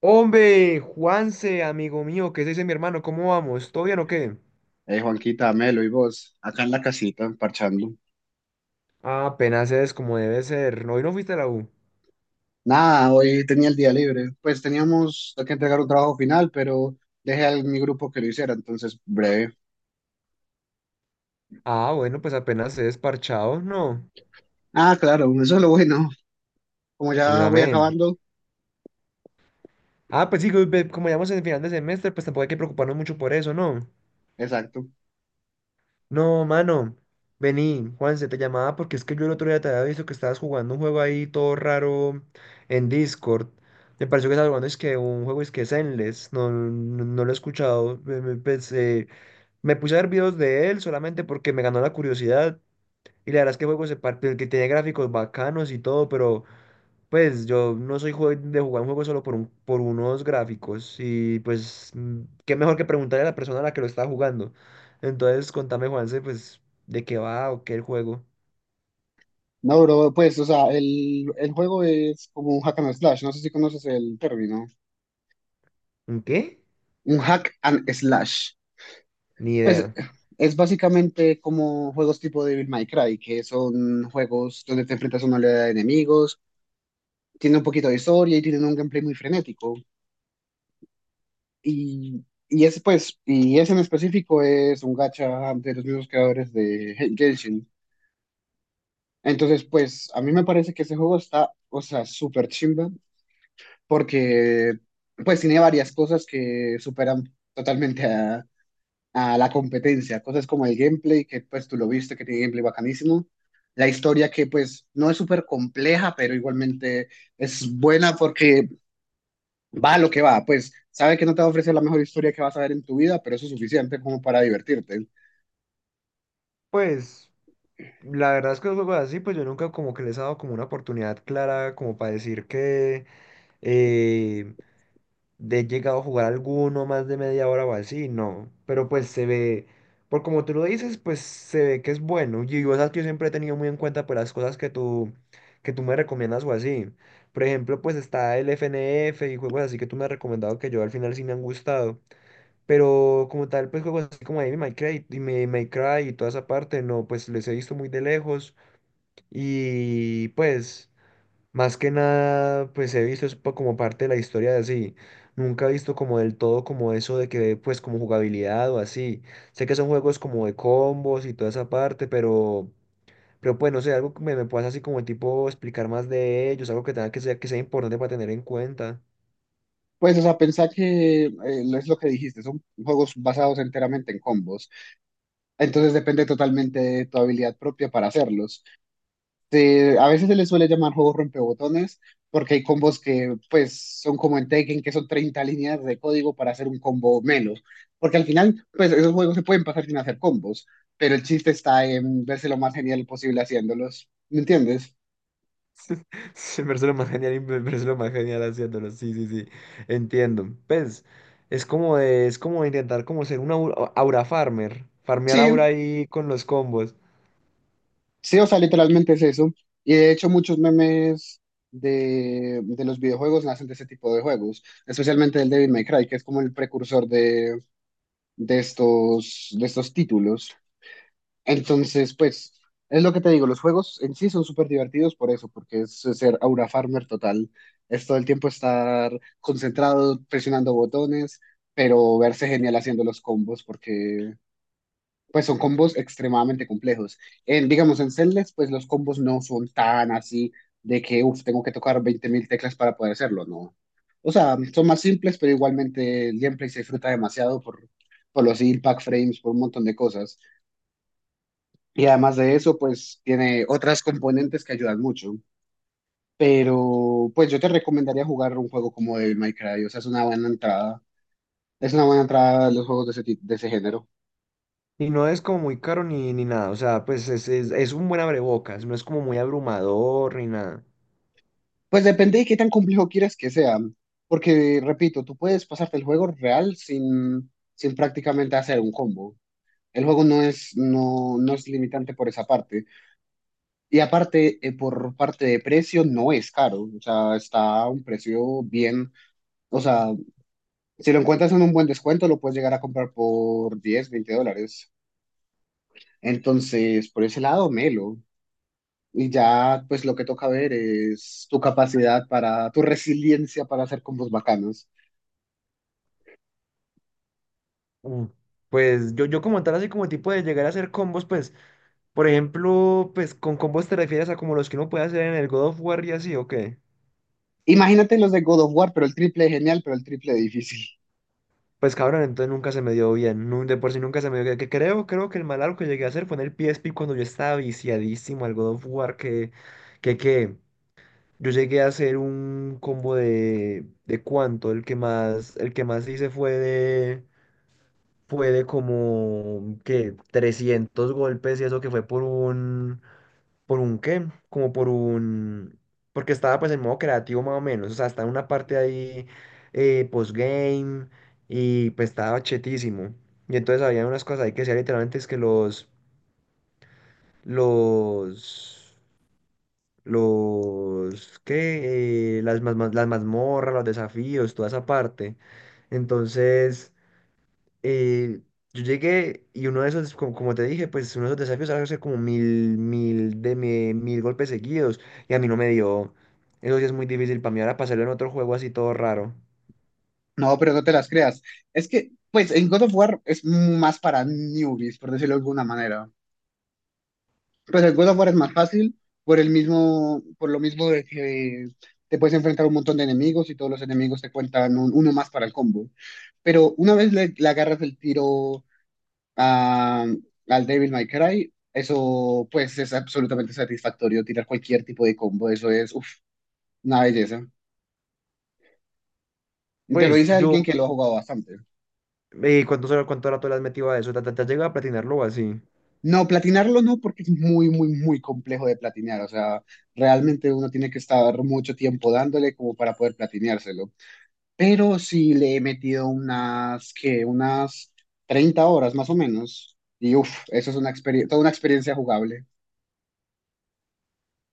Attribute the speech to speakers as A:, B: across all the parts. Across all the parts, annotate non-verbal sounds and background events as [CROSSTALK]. A: Hombre, Juanse, amigo mío, ¿qué se dice mi hermano? ¿Cómo vamos? ¿Todo bien o qué?
B: Juanquita, Melo y vos, acá en la casita, parchando.
A: Ah, apenas es como debe ser. No, hoy no fuiste a la U.
B: Nada, hoy tenía el día libre. Pues teníamos que entregar un trabajo final, pero dejé a mi grupo que lo hiciera, entonces breve.
A: Ah, bueno, pues apenas es parchado, no.
B: Ah, claro, eso es lo bueno. Como
A: Pues,
B: ya voy
A: amén.
B: acabando,
A: Ah, pues sí, pues, como ya vamos en el final de semestre, pues tampoco hay que preocuparnos mucho por eso, ¿no?
B: exacto.
A: No, mano. Vení, Juanse, te llamaba porque es que yo el otro día te había visto que estabas jugando un juego ahí todo raro en Discord. Me pareció que estabas jugando es que un juego es que Zenless. No, no, no lo he escuchado. Pues, me puse a ver videos de él solamente porque me ganó la curiosidad. Y la verdad es que el juego se parte, que tiene gráficos bacanos y todo, pero pues yo no soy de jugar un juego solo por, un, por unos gráficos. Y pues, qué mejor que preguntarle a la persona a la que lo está jugando. Entonces, contame, Juanse, pues, de qué va o qué el juego.
B: No, bro, pues, o sea, el juego es como un hack and slash. No sé si conoces el término.
A: ¿Un qué?
B: Un hack and slash.
A: Ni
B: Pues
A: idea.
B: es básicamente como juegos tipo Devil May Cry, que son juegos donde te enfrentas a una oleada de enemigos. Tiene un poquito de historia y tienen un gameplay muy frenético. Y, y ese en específico es un gacha de los mismos creadores de Genshin. Entonces, pues, a mí me parece que ese juego está, o sea, súper chimba, porque, pues, tiene varias cosas que superan totalmente a la competencia. Cosas como el gameplay, que, pues, tú lo viste, que tiene gameplay bacanísimo. La historia, que pues no es súper compleja, pero igualmente es buena porque va lo que va. Pues sabe que no te va a ofrecer la mejor historia que vas a ver en tu vida, pero eso es suficiente como para divertirte.
A: Pues, la verdad es que los juegos así, pues yo nunca como que les he dado como una oportunidad clara como para decir que eh, de llegado a jugar alguno más de media hora o así, no. Pero pues se ve, por como tú lo dices, pues se ve que es bueno. Y yo, esas que yo siempre he tenido muy en cuenta por las cosas que tú me recomiendas o así. Por ejemplo, pues está el FNF y juegos así que tú me has recomendado que yo al final sí me han gustado. Pero como tal, pues juegos así como Devil May Cry y May Cry y toda esa parte, no, pues les he visto muy de lejos. Y pues. Más que nada, pues he visto eso como parte de la historia de así. Nunca he visto como del todo como eso de que, pues como jugabilidad o así. Sé que son juegos como de combos y toda esa parte, pero pues no sé, algo que me puedas así como tipo explicar más de ellos, algo que tenga que ser, que sea importante para tener en cuenta.
B: Pues, o sea, pensá que es lo que dijiste, son juegos basados enteramente en combos, entonces depende totalmente de tu habilidad propia para hacerlos. A veces se les suele llamar juegos rompebotones porque hay combos que, pues, son como en Tekken, que son 30 líneas de código para hacer un combo melo, porque al final, pues, esos juegos se pueden pasar sin hacer combos, pero el chiste está en verse lo más genial posible haciéndolos, ¿me entiendes?
A: [LAUGHS] Sí, me parece lo más genial, y me parece lo más genial haciéndolo. Sí, sí, sí, entiendo. Pues es como es como intentar como ser un aura farmer, farmear aura
B: Sí,
A: ahí con los combos.
B: sí, o sea, literalmente es eso. Y de hecho, muchos memes de los videojuegos nacen de ese tipo de juegos, especialmente el Devil May Cry, que es como el precursor de, de estos títulos. Entonces, pues, es lo que te digo, los juegos en sí son súper divertidos por eso, porque es ser aura farmer total. Es todo el tiempo estar concentrado, presionando botones, pero verse genial haciendo los combos, porque pues son combos extremadamente complejos. En, digamos, en Celeste, pues los combos no son tan así de que, uff, tengo que tocar 20.000 teclas para poder hacerlo, no. O sea, son más simples, pero igualmente el gameplay se disfruta demasiado por, los impact frames, por un montón de cosas. Y además de eso, pues tiene otras componentes que ayudan mucho. Pero, pues yo te recomendaría jugar un juego como Devil May Cry, o sea, es una buena entrada. Es una buena entrada a los juegos de ese género.
A: Y no es como muy caro ni nada, o sea, pues es un buen abrebocas, no es como muy abrumador ni nada.
B: Pues depende de qué tan complejo quieras que sea, porque repito, tú puedes pasarte el juego real sin prácticamente hacer un combo. El juego no es limitante por esa parte. Y aparte, por parte de precio, no es caro. O sea, está a un precio bien. O sea, si lo encuentras en un buen descuento, lo puedes llegar a comprar por 10, 20 dólares. Entonces, por ese lado, melo. Y ya, pues lo que toca ver es tu capacidad para, tu resiliencia para hacer combos bacanos.
A: Mm. Pues yo como tal, así como tipo de llegar a hacer combos, pues, por ejemplo, pues con combos te refieres a como los que uno puede hacer en el God of War y así, ¿o qué?
B: Imagínate los de God of War, pero el triple de genial, pero el triple de difícil.
A: Pues cabrón, entonces nunca se me dio bien, de por sí nunca se me dio bien, que creo que el mal algo que llegué a hacer fue en el PSP cuando yo estaba viciadísimo al God of War, que, que, yo llegué a hacer un combo ¿de cuánto? El que más hice fue de como que 300 golpes y eso que fue ¿por un qué? Como por un, porque estaba pues en modo creativo más o menos, o sea, estaba en una parte ahí postgame y pues estaba chetísimo. Y entonces había unas cosas ahí que decía literalmente es que los, los, ¿qué? Las mazmorras, los desafíos, toda esa parte. Entonces... eh, yo llegué y uno de esos, como te dije, pues uno de esos desafíos era hacer como mil golpes seguidos y a mí no me dio. Eso sí es muy difícil para mí ahora pasarlo en otro juego así todo raro.
B: No, pero no te las creas. Es que, pues, en God of War es más para newbies, por decirlo de alguna manera. Pues el God of War es más fácil por el mismo, por lo mismo de que te puedes enfrentar a un montón de enemigos y todos los enemigos te cuentan uno más para el combo. Pero una vez le agarras el tiro a, al Devil May Cry, eso, pues, es absolutamente satisfactorio. Tirar cualquier tipo de combo, eso es, uff, una belleza. Te lo
A: Pues
B: dice
A: yo,
B: alguien que lo ha jugado bastante.
A: ¿cuánto rato le has metido a eso? ¿Te has llegado a platinarlo o así?
B: No, platinarlo no, porque es muy, muy, muy complejo de platinear. O sea, realmente uno tiene que estar mucho tiempo dándole como para poder platineárselo. Pero sí le he metido unas 30 horas más o menos. Y uff, eso es una experiencia, toda una experiencia jugable.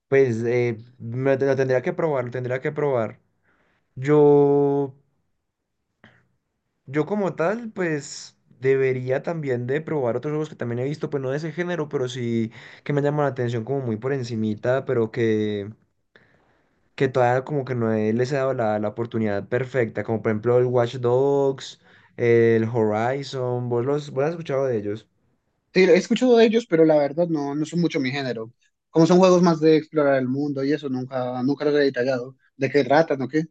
A: Pues lo tendría que probar. Yo Yo como tal, pues debería también de probar otros juegos que también he visto, pues no de ese género, pero sí que me llaman la atención como muy por encimita, pero que todavía como que no he- les he dado la oportunidad perfecta, como por ejemplo el Watch Dogs, el Horizon, ¿vos has escuchado de ellos?
B: Sí, he escuchado de ellos, pero la verdad no son mucho mi género. Como son juegos más de explorar el mundo y eso, nunca, nunca los he detallado. ¿De qué tratan o qué?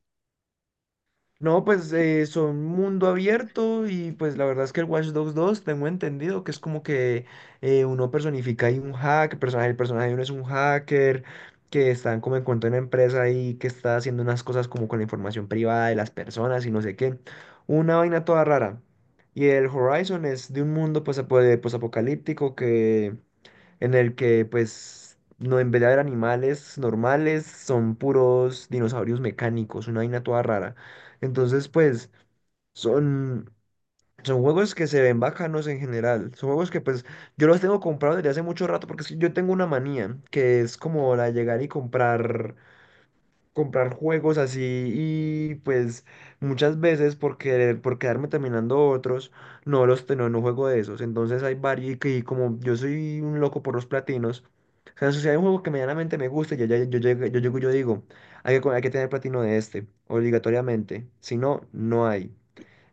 A: No, pues son mundo abierto y pues la verdad es que el Watch Dogs 2 tengo entendido que es como que uno personifica ahí el personaje de uno es un hacker que está como en cuenta de una empresa y que está haciendo unas cosas como con la información privada de las personas y no sé qué. Una vaina toda rara. Y el Horizon es de un mundo pues, posapocalíptico que en el que pues no, en vez de haber animales normales, son puros dinosaurios mecánicos, una vaina toda rara. Entonces pues son son juegos que se ven bacanos en general, son juegos que pues yo los tengo comprados desde hace mucho rato porque es que yo tengo una manía que es como la de llegar y comprar juegos así y pues muchas veces por querer, por quedarme terminando otros, no, no juego de esos. Entonces hay varios y como yo soy un loco por los platinos, o sea, si hay un juego que medianamente me gusta, yo llego y yo digo, hay que tener platino de este, obligatoriamente. Si no, no hay.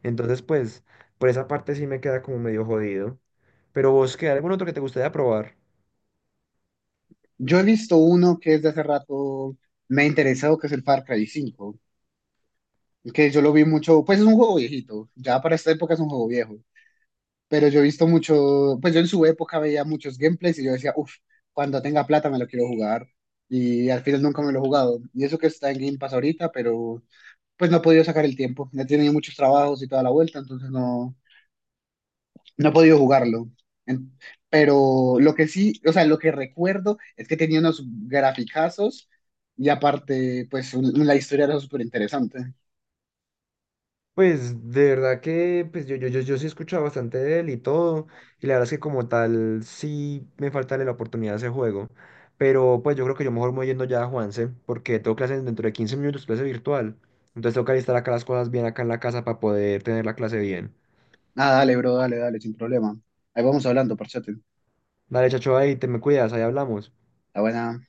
A: Entonces, pues, por esa parte sí me queda como medio jodido. Pero vos, ¿qué? ¿Algún otro que te gustaría probar?
B: Yo he visto uno que desde hace rato me ha interesado, que es el Far Cry 5, que yo lo vi mucho. Pues es un juego viejito, ya para esta época es un juego viejo, pero yo he visto mucho, pues yo en su época veía muchos gameplays y yo decía, uff, cuando tenga plata me lo quiero jugar, y al final nunca me lo he jugado, y eso que está en Game Pass ahorita, pero pues no he podido sacar el tiempo, he tenido muchos trabajos y toda la vuelta, entonces No he podido jugarlo. En- Pero lo que sí, o sea, lo que recuerdo es que tenía unos graficazos y aparte, pues la historia era súper interesante.
A: Pues de verdad que pues yo sí he escuchado bastante de él y todo, y la verdad es que como tal sí me falta la oportunidad de ese juego, pero pues yo creo que yo mejor me voy yendo ya a Juanse, porque tengo clases dentro de 15 minutos, clase virtual, entonces tengo que alistar acá las cosas bien acá en la casa para poder tener la clase bien.
B: Ah, dale, bro, dale, dale, sin problema. Ahí vamos hablando, parchate.
A: Dale, chacho, ahí te me cuidas, ahí hablamos.
B: Está buena.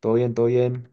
A: Todo bien, todo bien.